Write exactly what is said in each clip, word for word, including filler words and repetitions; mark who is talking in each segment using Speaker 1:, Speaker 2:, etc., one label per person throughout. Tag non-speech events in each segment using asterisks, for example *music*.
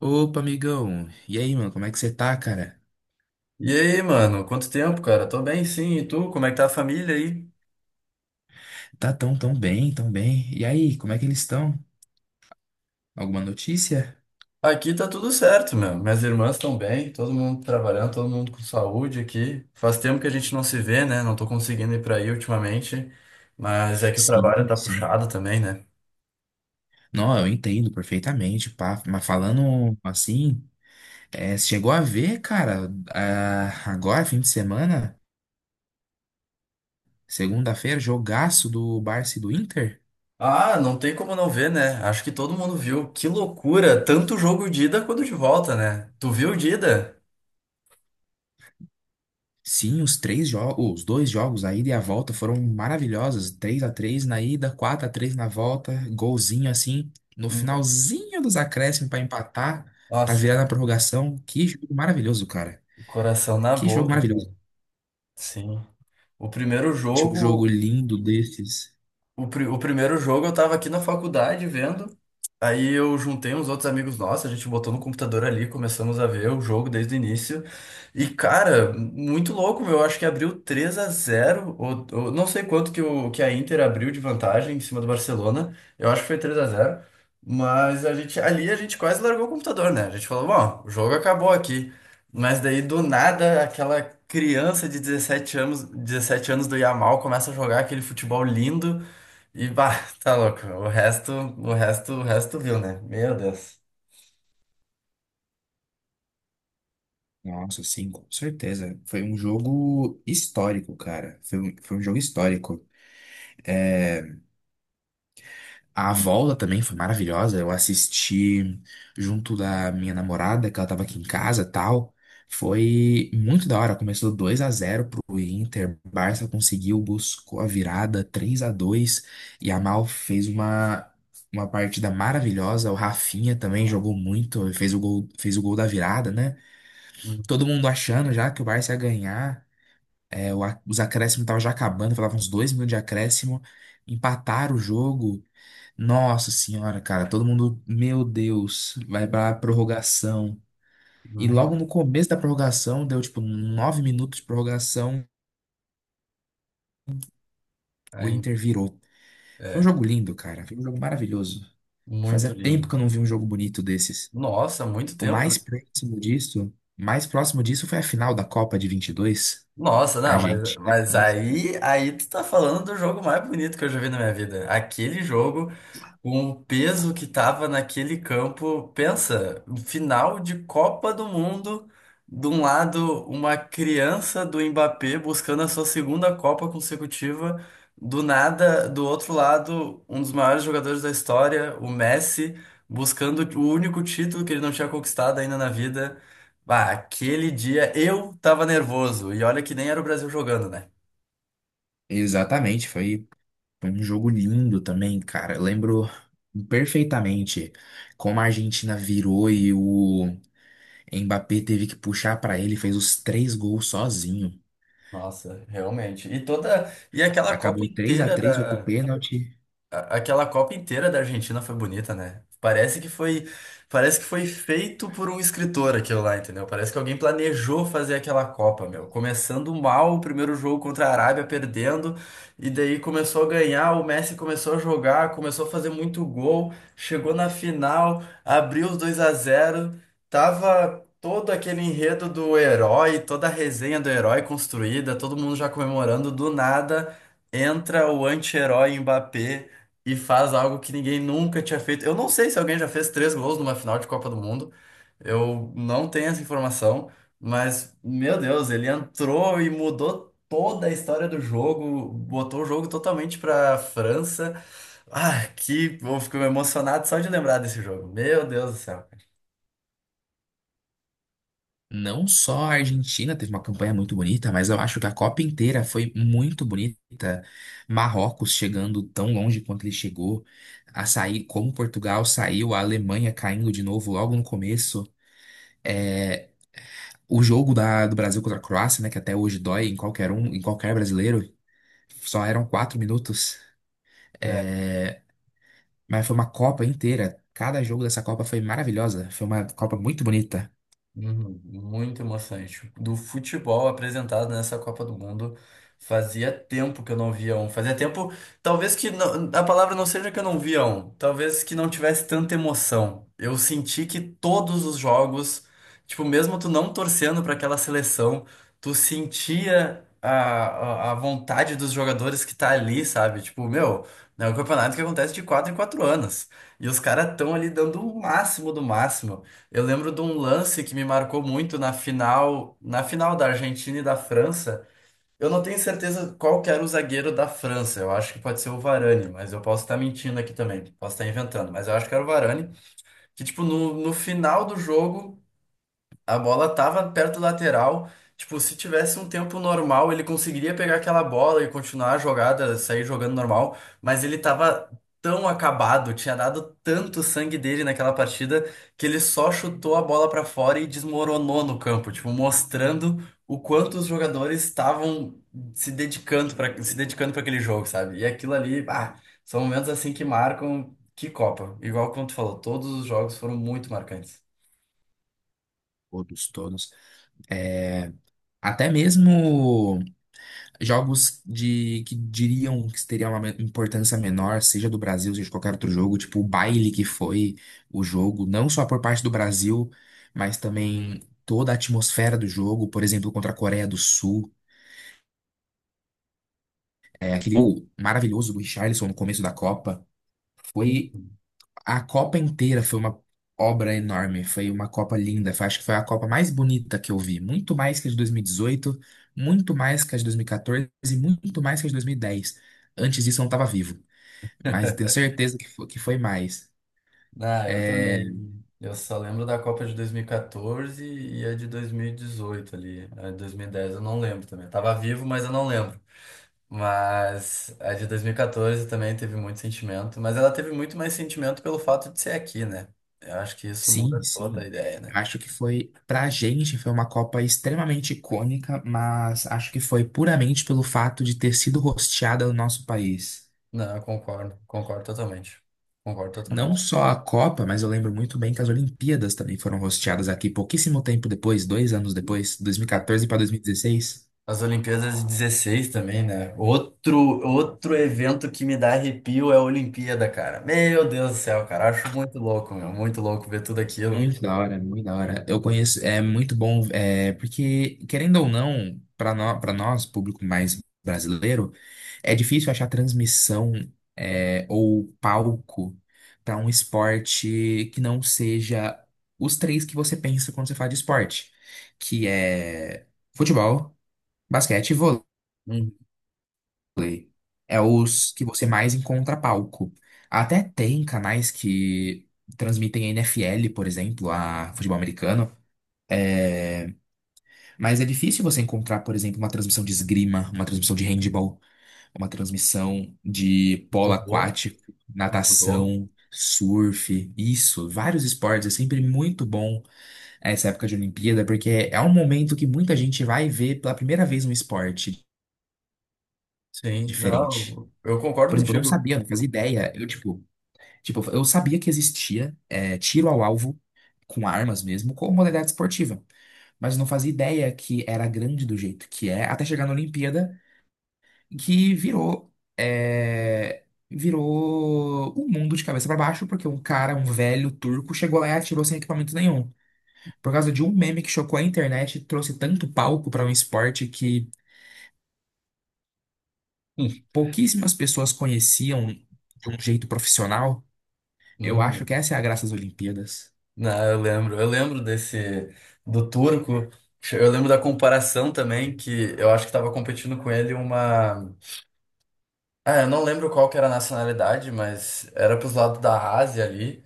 Speaker 1: Opa, amigão. E aí, mano, como é que você tá, cara?
Speaker 2: E aí, mano? Quanto tempo, cara? Tô bem, sim. E tu? Como é que tá a família aí?
Speaker 1: Tá tão, tão bem, tão bem. E aí, como é que eles estão? Alguma notícia?
Speaker 2: Aqui tá tudo certo, meu. Minhas irmãs estão bem, todo mundo trabalhando, todo mundo com saúde aqui. Faz tempo que a gente não se vê, né? Não tô conseguindo ir pra aí ultimamente, mas é que o trabalho
Speaker 1: Sim,
Speaker 2: tá
Speaker 1: sim.
Speaker 2: puxado também, né?
Speaker 1: Não, eu entendo perfeitamente, pá. Mas falando assim, é, você chegou a ver, cara, ah, agora, fim de semana, segunda-feira, jogaço do Barça e do Inter?
Speaker 2: Ah, não tem como não ver, né? Acho que todo mundo viu. Que loucura! Tanto jogo de ida quanto de volta, né? Tu viu o de ida?
Speaker 1: Sim, os três jogos, os dois jogos, a ida e a volta, foram maravilhosos. três a três na ida, quatro a três na volta, golzinho assim, no finalzinho dos acréscimos para empatar, para
Speaker 2: Nossa,
Speaker 1: virar na prorrogação. Que jogo maravilhoso, cara.
Speaker 2: coração na
Speaker 1: Que jogo
Speaker 2: boca, cara.
Speaker 1: maravilhoso.
Speaker 2: Sim. O primeiro
Speaker 1: Tinha um jogo
Speaker 2: jogo.
Speaker 1: lindo desses.
Speaker 2: O, pri- o primeiro jogo eu tava aqui na faculdade vendo. Aí eu juntei uns outros amigos nossos, a gente botou no computador ali, começamos a ver o jogo desde o início. E, cara, muito louco, meu. Eu acho que abriu três a zero ou, ou não sei quanto que, o, que a Inter abriu de vantagem em cima do Barcelona. Eu acho que foi três a zero. Mas a gente, ali a gente quase largou o computador, né? A gente falou, bom, o jogo acabou aqui. Mas daí, do nada, aquela criança de dezessete anos, dezessete anos do Yamal começa a jogar aquele futebol lindo. E bah, *laughs* tá louco. O resto, o resto, o resto viu, né? Meu Deus.
Speaker 1: Nossa, sim, com certeza. Foi um jogo histórico, cara. Foi um, foi um jogo histórico. É, A volta também foi maravilhosa. Eu assisti junto da minha namorada, que ela tava aqui em casa, tal. Foi muito da hora. Começou dois a zero pro Inter. Barça conseguiu, buscou a virada três a dois e a Mal fez uma uma partida maravilhosa. O Rafinha também jogou muito, fez o gol, fez o gol da virada, né?
Speaker 2: Uhum.
Speaker 1: Todo mundo achando já que o Barça ia ganhar. É, o a- os acréscimos estavam já acabando, faltavam uns dois minutos de acréscimo. Empataram o jogo. Nossa senhora, cara, todo mundo, meu Deus, vai pra prorrogação. E logo no
Speaker 2: Uhum.
Speaker 1: começo da prorrogação, deu tipo nove minutos de prorrogação, o
Speaker 2: Aí,
Speaker 1: Inter virou. Foi um
Speaker 2: é,
Speaker 1: jogo lindo, cara, foi um jogo maravilhoso.
Speaker 2: muito
Speaker 1: Fazia tempo
Speaker 2: lindo.
Speaker 1: que eu não vi um jogo bonito desses.
Speaker 2: Nossa, muito
Speaker 1: O
Speaker 2: tempo, né?
Speaker 1: mais próximo disso, mais próximo disso foi a final da Copa de vinte e dois,
Speaker 2: Nossa, não, mas,
Speaker 1: Argentina.
Speaker 2: mas aí, aí tu tá falando do jogo mais bonito que eu já vi na minha vida. Aquele jogo. Com o peso que tava naquele campo, pensa, um final de Copa do Mundo, de um lado uma criança do Mbappé buscando a sua segunda Copa consecutiva, do nada, do outro lado, um dos maiores jogadores da história, o Messi, buscando o único título que ele não tinha conquistado ainda na vida. Bah, aquele dia eu tava nervoso, e olha que nem era o Brasil jogando, né?
Speaker 1: Exatamente, foi foi um jogo lindo também, cara. Eu lembro perfeitamente como a Argentina virou e o Mbappé teve que puxar pra ele, fez os três gols sozinho.
Speaker 2: Nossa, realmente. E toda, e aquela Copa
Speaker 1: Acabou três a
Speaker 2: inteira
Speaker 1: três, foi pro
Speaker 2: da
Speaker 1: pênalti.
Speaker 2: a- aquela Copa inteira da Argentina foi bonita, né? Parece que foi, parece que foi feito por um escritor aquilo lá, entendeu? Parece que alguém planejou fazer aquela Copa, meu. Começando mal o primeiro jogo contra a Arábia, perdendo, e daí começou a ganhar, o Messi começou a jogar, começou a fazer muito gol, chegou na final, abriu os dois a zero. Tava todo aquele enredo do herói, toda a resenha do herói construída, todo mundo já comemorando do nada. Entra o anti-herói Mbappé e faz algo que ninguém nunca tinha feito. Eu não sei se alguém já fez três gols numa final de Copa do Mundo. Eu não tenho essa informação, mas, meu Deus, ele entrou e mudou toda a história do jogo, botou o jogo totalmente pra França. Ah, que, eu fico emocionado só de lembrar desse jogo. Meu Deus do céu.
Speaker 1: Não só a Argentina teve uma campanha muito bonita, mas eu acho que a Copa inteira foi muito bonita. Marrocos chegando tão longe quanto ele chegou, a sair como Portugal saiu, a Alemanha caindo de novo logo no começo. É, o jogo da- do Brasil contra a Croácia, né, que até hoje dói em qualquer um, em qualquer brasileiro, só eram quatro minutos. É, Mas foi uma Copa inteira. Cada jogo dessa Copa foi maravilhosa. Foi uma Copa muito bonita.
Speaker 2: Uhum. Muito emocionante. Do futebol apresentado nessa Copa do Mundo, fazia tempo que eu não via um. Fazia tempo, talvez que não- a palavra não seja que eu não via um, talvez que não tivesse tanta emoção. Eu senti que todos os jogos, tipo, mesmo tu não torcendo para aquela seleção, tu sentia a, a, a vontade dos jogadores que tá ali, sabe? Tipo, meu, é um campeonato que acontece de quatro em quatro anos. E os caras estão ali dando o máximo do máximo. Eu lembro de um lance que me marcou muito na final, na final, da Argentina e da França. Eu não tenho certeza qual que era o zagueiro da França. Eu acho que pode ser o Varane, mas eu posso estar mentindo aqui também. Posso estar inventando, mas eu acho que era o Varane. Que, tipo, no, no final do jogo. A bola tava perto do lateral. Tipo, se tivesse um tempo normal, ele conseguiria pegar aquela bola e continuar a jogada, sair jogando normal. Mas ele tava tão acabado, tinha dado tanto sangue dele naquela partida, que ele só chutou a bola pra fora e desmoronou no campo. Tipo, mostrando o quanto os jogadores estavam se dedicando para se dedicando para aquele jogo, sabe? E aquilo ali, ah, são momentos assim que marcam que Copa. Igual como tu falou, todos os jogos foram muito marcantes.
Speaker 1: Todos, todos. É, até mesmo jogos de que diriam que teriam uma me- importância menor, seja do Brasil, seja de qualquer outro jogo, tipo o baile que foi o jogo, não só por parte do Brasil, mas também toda a atmosfera do jogo, por exemplo, contra a Coreia do Sul, é, aquele gol maravilhoso do Richarlison no começo da Copa. Foi
Speaker 2: Uhum.
Speaker 1: A Copa inteira foi uma obra enorme, foi uma Copa linda. foi- Acho que foi a Copa mais bonita que eu vi. Muito mais que a de dois mil e dezoito, muito mais que a de dois mil e quatorze e quatorze e muito mais que a de dois mil e dez. Antes disso eu não estava vivo, mas eu tenho certeza que foi, que foi mais.
Speaker 2: Ah, eu
Speaker 1: É,
Speaker 2: também. Eu só lembro da Copa de dois mil e quatorze e a de dois mil e dezoito ali. A de dois mil e dez eu não lembro também. Eu tava vivo, mas eu não lembro. Mas a de dois mil e quatorze também teve muito sentimento, mas ela teve muito mais sentimento pelo fato de ser aqui, né? Eu acho que isso
Speaker 1: sim,
Speaker 2: muda toda
Speaker 1: sim.
Speaker 2: a ideia, né?
Speaker 1: Eu Acho que foi, pra gente, foi uma Copa extremamente icônica, mas acho que foi puramente pelo fato de ter sido hosteada no nosso país.
Speaker 2: Não, eu concordo, concordo totalmente. Concordo
Speaker 1: Não
Speaker 2: totalmente.
Speaker 1: só a Copa, mas eu lembro muito bem que as Olimpíadas também foram hosteadas aqui pouquíssimo tempo depois, dois anos depois, dois mil e quatorze para dois mil e dezesseis.
Speaker 2: As Olimpíadas de dezesseis também, né? Outro, outro evento que me dá arrepio é a Olimpíada, cara. Meu Deus do céu, cara. Acho muito louco, meu. Muito louco ver tudo aquilo.
Speaker 1: Muito da hora, muito da hora. Eu conheço, é muito bom, é, porque, querendo ou não, para nós, para nós, público mais brasileiro, é difícil achar transmissão, é, ou palco para um esporte que não seja os três que você pensa quando você fala de esporte, que é futebol, basquete e vôlei.
Speaker 2: Hum,
Speaker 1: Play. É os que você mais encontra palco. Até tem canais que transmitem N F L, por exemplo, a futebol americano. É, Mas é difícil você encontrar, por exemplo, uma transmissão de esgrima, uma transmissão de handball, uma transmissão de polo
Speaker 2: judô,
Speaker 1: aquático,
Speaker 2: um judô.
Speaker 1: natação, surf, isso, vários esportes. É sempre muito bom essa época de Olimpíada, porque é um momento que muita gente vai ver pela primeira vez um esporte
Speaker 2: Sim,
Speaker 1: diferente.
Speaker 2: não, eu concordo
Speaker 1: Por exemplo, eu não
Speaker 2: contigo.
Speaker 1: sabia, não fazia ideia. Eu, tipo, Tipo, eu sabia que existia é, tiro ao alvo com armas mesmo, como modalidade esportiva, mas não fazia ideia que era grande do jeito que é, até chegar na Olimpíada, que virou é, virou um mundo de cabeça pra baixo, porque um cara, um velho turco, chegou lá e atirou sem equipamento nenhum. Por causa de um meme que chocou a internet, trouxe tanto palco pra um esporte que pouquíssimas pessoas conheciam de um jeito profissional. Eu acho que
Speaker 2: Hum.
Speaker 1: essa é a graça das Olimpíadas.
Speaker 2: Não, eu lembro, eu lembro, desse do turco. Eu lembro da comparação também que eu acho que estava competindo com ele uma, ah, eu não lembro qual que era a nacionalidade, mas era pros lados da Ásia ali.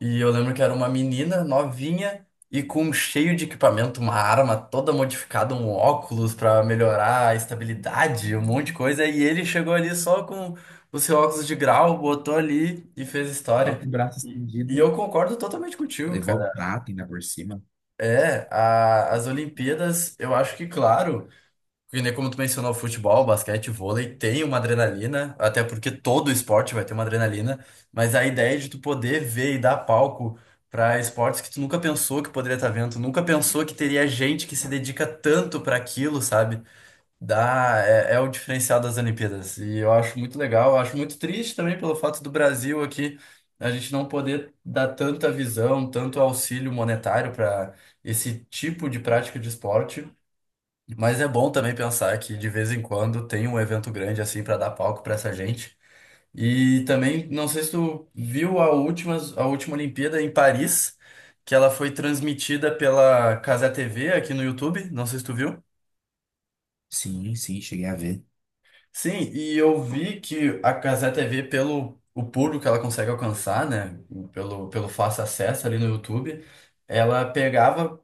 Speaker 2: E eu lembro que era uma menina novinha e com um cheio de equipamento, uma arma toda modificada, um óculos pra melhorar a estabilidade, um monte de coisa. E ele chegou ali só com o seu óculos de grau, botou ali e fez
Speaker 1: Só com
Speaker 2: história.
Speaker 1: o braço
Speaker 2: E e
Speaker 1: estendido.
Speaker 2: eu concordo totalmente contigo,
Speaker 1: Levou
Speaker 2: cara.
Speaker 1: a prata ainda por cima.
Speaker 2: É, a- as Olimpíadas, eu acho que, claro. Porque nem como tu mencionou, futebol, basquete, vôlei, tem uma adrenalina, até porque todo esporte vai ter uma adrenalina, mas a ideia de tu poder ver e dar palco para esportes que tu nunca pensou que poderia estar vendo, tu nunca pensou que teria gente que se dedica tanto para aquilo, sabe? Dá, é, é, o diferencial das Olimpíadas. E eu acho muito legal, eu acho muito triste também pelo fato do Brasil aqui a gente não poder dar tanta visão, tanto auxílio monetário para esse tipo de prática de esporte. Mas é bom também pensar que de vez em quando tem um evento grande assim para dar palco para essa gente. E também, não sei se tu viu a última, a última Olimpíada em Paris, que ela foi transmitida pela Casa T V aqui no YouTube, não sei se tu viu.
Speaker 1: Sim, sim, cheguei a ver.
Speaker 2: Sim, e eu vi que a Cazé T V, pelo o público que ela consegue alcançar, né? Pelo, pelo fácil acesso ali no YouTube, ela pegava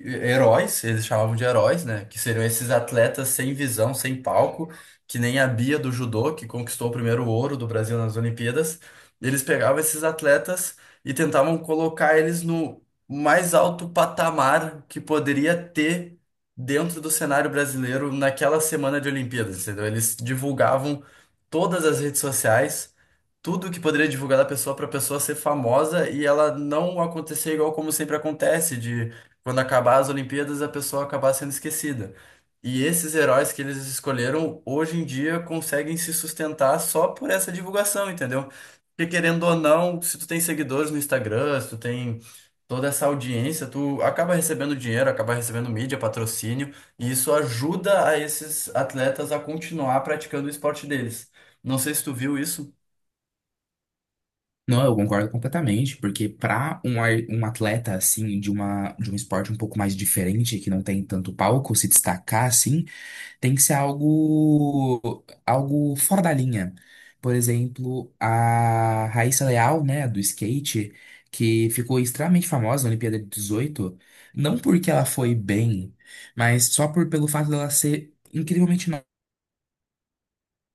Speaker 2: eh, heróis, eles chamavam de heróis, né? Que seriam esses atletas sem visão, sem palco, que nem a Bia do judô, que conquistou o primeiro ouro do Brasil nas Olimpíadas. Eles pegavam esses atletas e tentavam colocar eles no mais alto patamar que poderia ter dentro do cenário brasileiro naquela semana de Olimpíadas, entendeu? Eles divulgavam todas as redes sociais, tudo que poderia divulgar da pessoa para a pessoa ser famosa e ela não acontecer igual como sempre acontece, de quando acabar as Olimpíadas a pessoa acabar sendo esquecida. E esses heróis que eles escolheram hoje em dia conseguem se sustentar só por essa divulgação, entendeu? Porque querendo ou não, se tu tem seguidores no Instagram, se tu tem toda essa audiência, tu acaba recebendo dinheiro, acaba recebendo mídia, patrocínio, e isso ajuda a esses atletas a continuar praticando o esporte deles. Não sei se tu viu isso.
Speaker 1: Não, eu concordo completamente, porque para um, ar- um atleta assim de uma de um esporte um pouco mais diferente, que não tem tanto palco, se destacar assim, tem que ser algo algo fora da linha. Por exemplo, a Raíssa Leal, né, do skate, que ficou extremamente famosa na Olimpíada de dezoito, não porque ela foi bem, mas só por pelo fato dela ser incrivelmente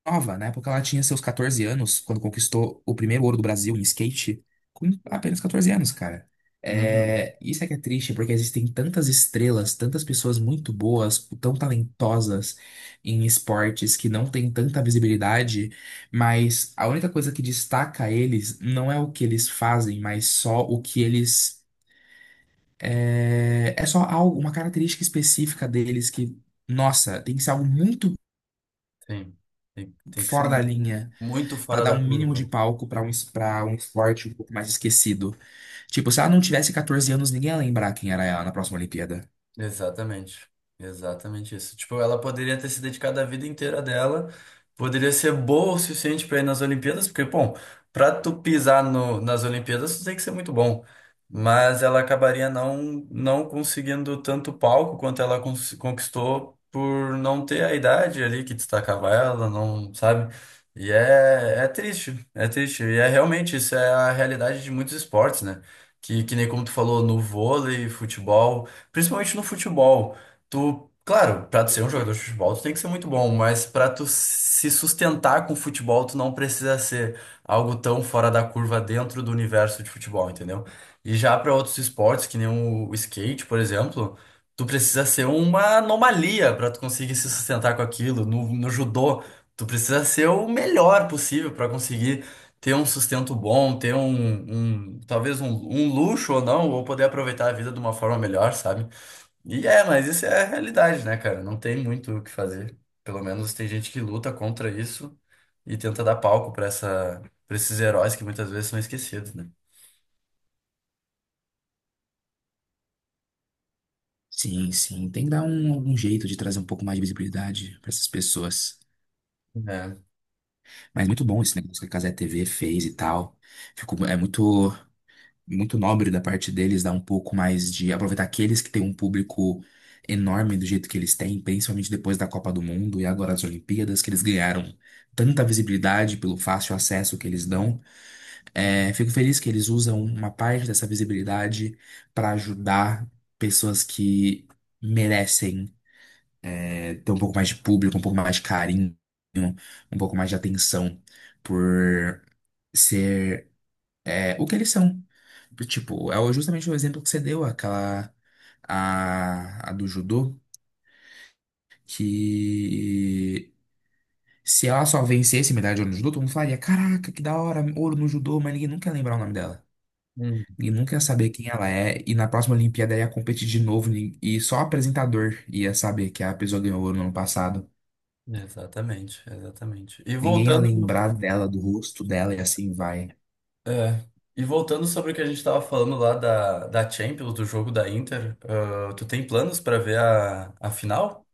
Speaker 1: nova. Na época ela tinha seus quatorze anos, quando conquistou o primeiro ouro do Brasil em skate, com apenas quatorze anos, cara.
Speaker 2: Uhum.
Speaker 1: É, isso é que é triste, porque existem tantas estrelas, tantas pessoas muito boas, tão talentosas em esportes que não têm tanta visibilidade, mas a única coisa que destaca eles não é o que eles fazem, mas só o que eles. É, é só algo, uma característica específica deles que, nossa, tem que ser algo muito
Speaker 2: Sim. Tem, tem que ser
Speaker 1: fora da linha.
Speaker 2: muito
Speaker 1: Pra
Speaker 2: fora
Speaker 1: dar
Speaker 2: da
Speaker 1: um mínimo de
Speaker 2: curva.
Speaker 1: palco pra um, es- pra um esporte um pouco mais esquecido. Tipo, se ela não tivesse catorze anos, ninguém ia lembrar quem era ela na próxima Olimpíada.
Speaker 2: Exatamente. Exatamente isso. Tipo, ela poderia ter se dedicado a vida inteira dela, poderia ser boa o suficiente para ir nas Olimpíadas, porque, bom, para tu pisar no, nas Olimpíadas, tu tem que ser muito bom. Mas ela acabaria não, não conseguindo tanto palco quanto ela cons- conquistou por não ter a idade ali que destacava ela, não, sabe? E é, é triste, é triste. E é realmente, isso é a realidade de muitos esportes, né? Que, que nem como tu falou, no vôlei, futebol. Principalmente no futebol. Tu, claro, pra tu ser um jogador de futebol, tu tem que ser muito bom, mas pra tu se sustentar com o futebol, tu não precisa ser algo tão fora da curva dentro do universo de futebol, entendeu? E já pra outros esportes, que nem o o skate, por exemplo, tu precisa ser uma anomalia pra tu conseguir se sustentar com aquilo. No, no, judô, tu precisa ser o melhor possível pra conseguir ter um sustento bom, ter um, um- talvez um, um luxo ou não, ou poder aproveitar a vida de uma forma melhor, sabe? E é, mas isso é a realidade, né, cara? Não tem muito o que fazer. Pelo menos tem gente que luta contra isso e tenta dar palco pra essa, para esses heróis que muitas vezes são esquecidos, né?
Speaker 1: Sim, sim. Tem que dar um, algum jeito de trazer um pouco mais de visibilidade pra essas pessoas.
Speaker 2: É.
Speaker 1: Mas muito bom esse negócio que a Cazé T V fez e tal. Ficou, é muito, muito nobre da parte deles dar um pouco mais de aproveitar aqueles que têm um público enorme do jeito que eles têm, principalmente depois da Copa do Mundo e agora as Olimpíadas, que eles ganharam tanta visibilidade pelo fácil acesso que eles dão. É, fico feliz que eles usam uma parte dessa visibilidade para ajudar pessoas que merecem é, ter um pouco mais de público, um pouco mais de carinho, um pouco mais de atenção por ser é, o que eles são. Tipo, é o- justamente o exemplo que você deu, aquela a, a do judô, que se ela só vencesse medalha de ouro no judô, todo mundo falaria, caraca, que da hora, ouro no judô, mas ninguém nunca ia lembrar o nome dela.
Speaker 2: Hum.
Speaker 1: E nunca ia saber quem ela é. E na próxima Olimpíada ia competir de novo. nin- E só o apresentador ia saber que a pessoa ganhou ouro no ano passado.
Speaker 2: Exatamente, exatamente. E
Speaker 1: Ninguém ia
Speaker 2: voltando,
Speaker 1: lembrar dela, do rosto dela e assim vai.
Speaker 2: é, e voltando sobre o que a gente tava falando lá da, da Champions, do jogo da Inter, ah, tu tem planos pra ver a, a final?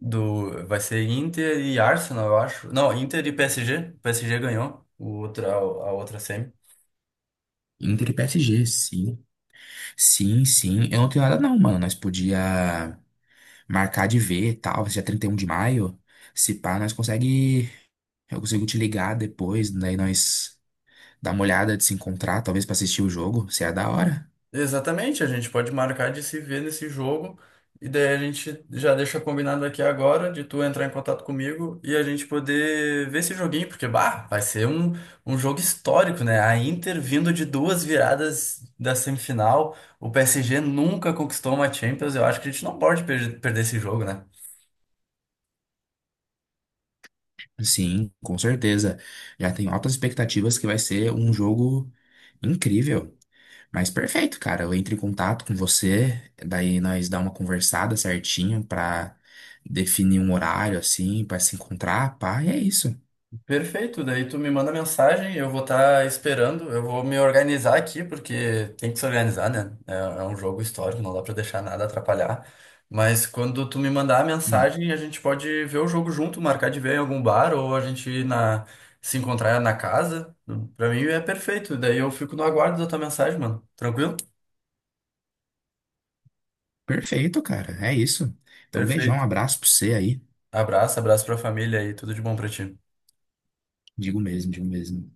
Speaker 2: Do, vai ser Inter e Arsenal, eu acho. Não, Inter e P S G. O P S G ganhou o outro, a, a outra semi.
Speaker 1: Inter e P S G, sim. Sim, sim. Eu não tenho nada não, mano. Nós podia marcar de ver e tal. Vai ser dia trinta e um de maio. Se pá, nós consegue. Eu consigo te ligar depois. Daí nós dá uma olhada de se encontrar, talvez pra assistir o jogo. se é da hora.
Speaker 2: Exatamente, a gente pode marcar de se ver nesse jogo e daí a gente já deixa combinado aqui agora de tu entrar em contato comigo e a gente poder ver esse joguinho, porque bah, vai ser um, um jogo histórico, né? A Inter vindo de duas viradas da semifinal, o P S G nunca conquistou uma Champions, eu acho que a gente não pode per- perder esse jogo, né?
Speaker 1: Sim, com certeza. Já tenho altas expectativas que vai ser um jogo incrível. Mas perfeito, cara. Eu entro em contato com você, daí nós dá uma conversada certinho pra definir um horário assim, pra se encontrar, pá, e é isso.
Speaker 2: Perfeito, daí tu me manda mensagem, eu vou estar esperando, eu vou me organizar aqui, porque tem que se organizar, né? É, é um jogo histórico, não dá pra deixar nada atrapalhar. Mas quando tu me mandar a
Speaker 1: Hum,
Speaker 2: mensagem, a gente pode ver o jogo junto, marcar de ver em algum bar, ou a gente ir na, se encontrar na casa. Pra mim é perfeito, daí eu fico no aguardo da tua mensagem, mano. Tranquilo?
Speaker 1: perfeito, cara. É isso. Então, beijão, um
Speaker 2: Perfeito.
Speaker 1: abraço pra você aí.
Speaker 2: Abraço, abraço pra família aí, tudo de bom pra ti.
Speaker 1: Digo mesmo, digo mesmo.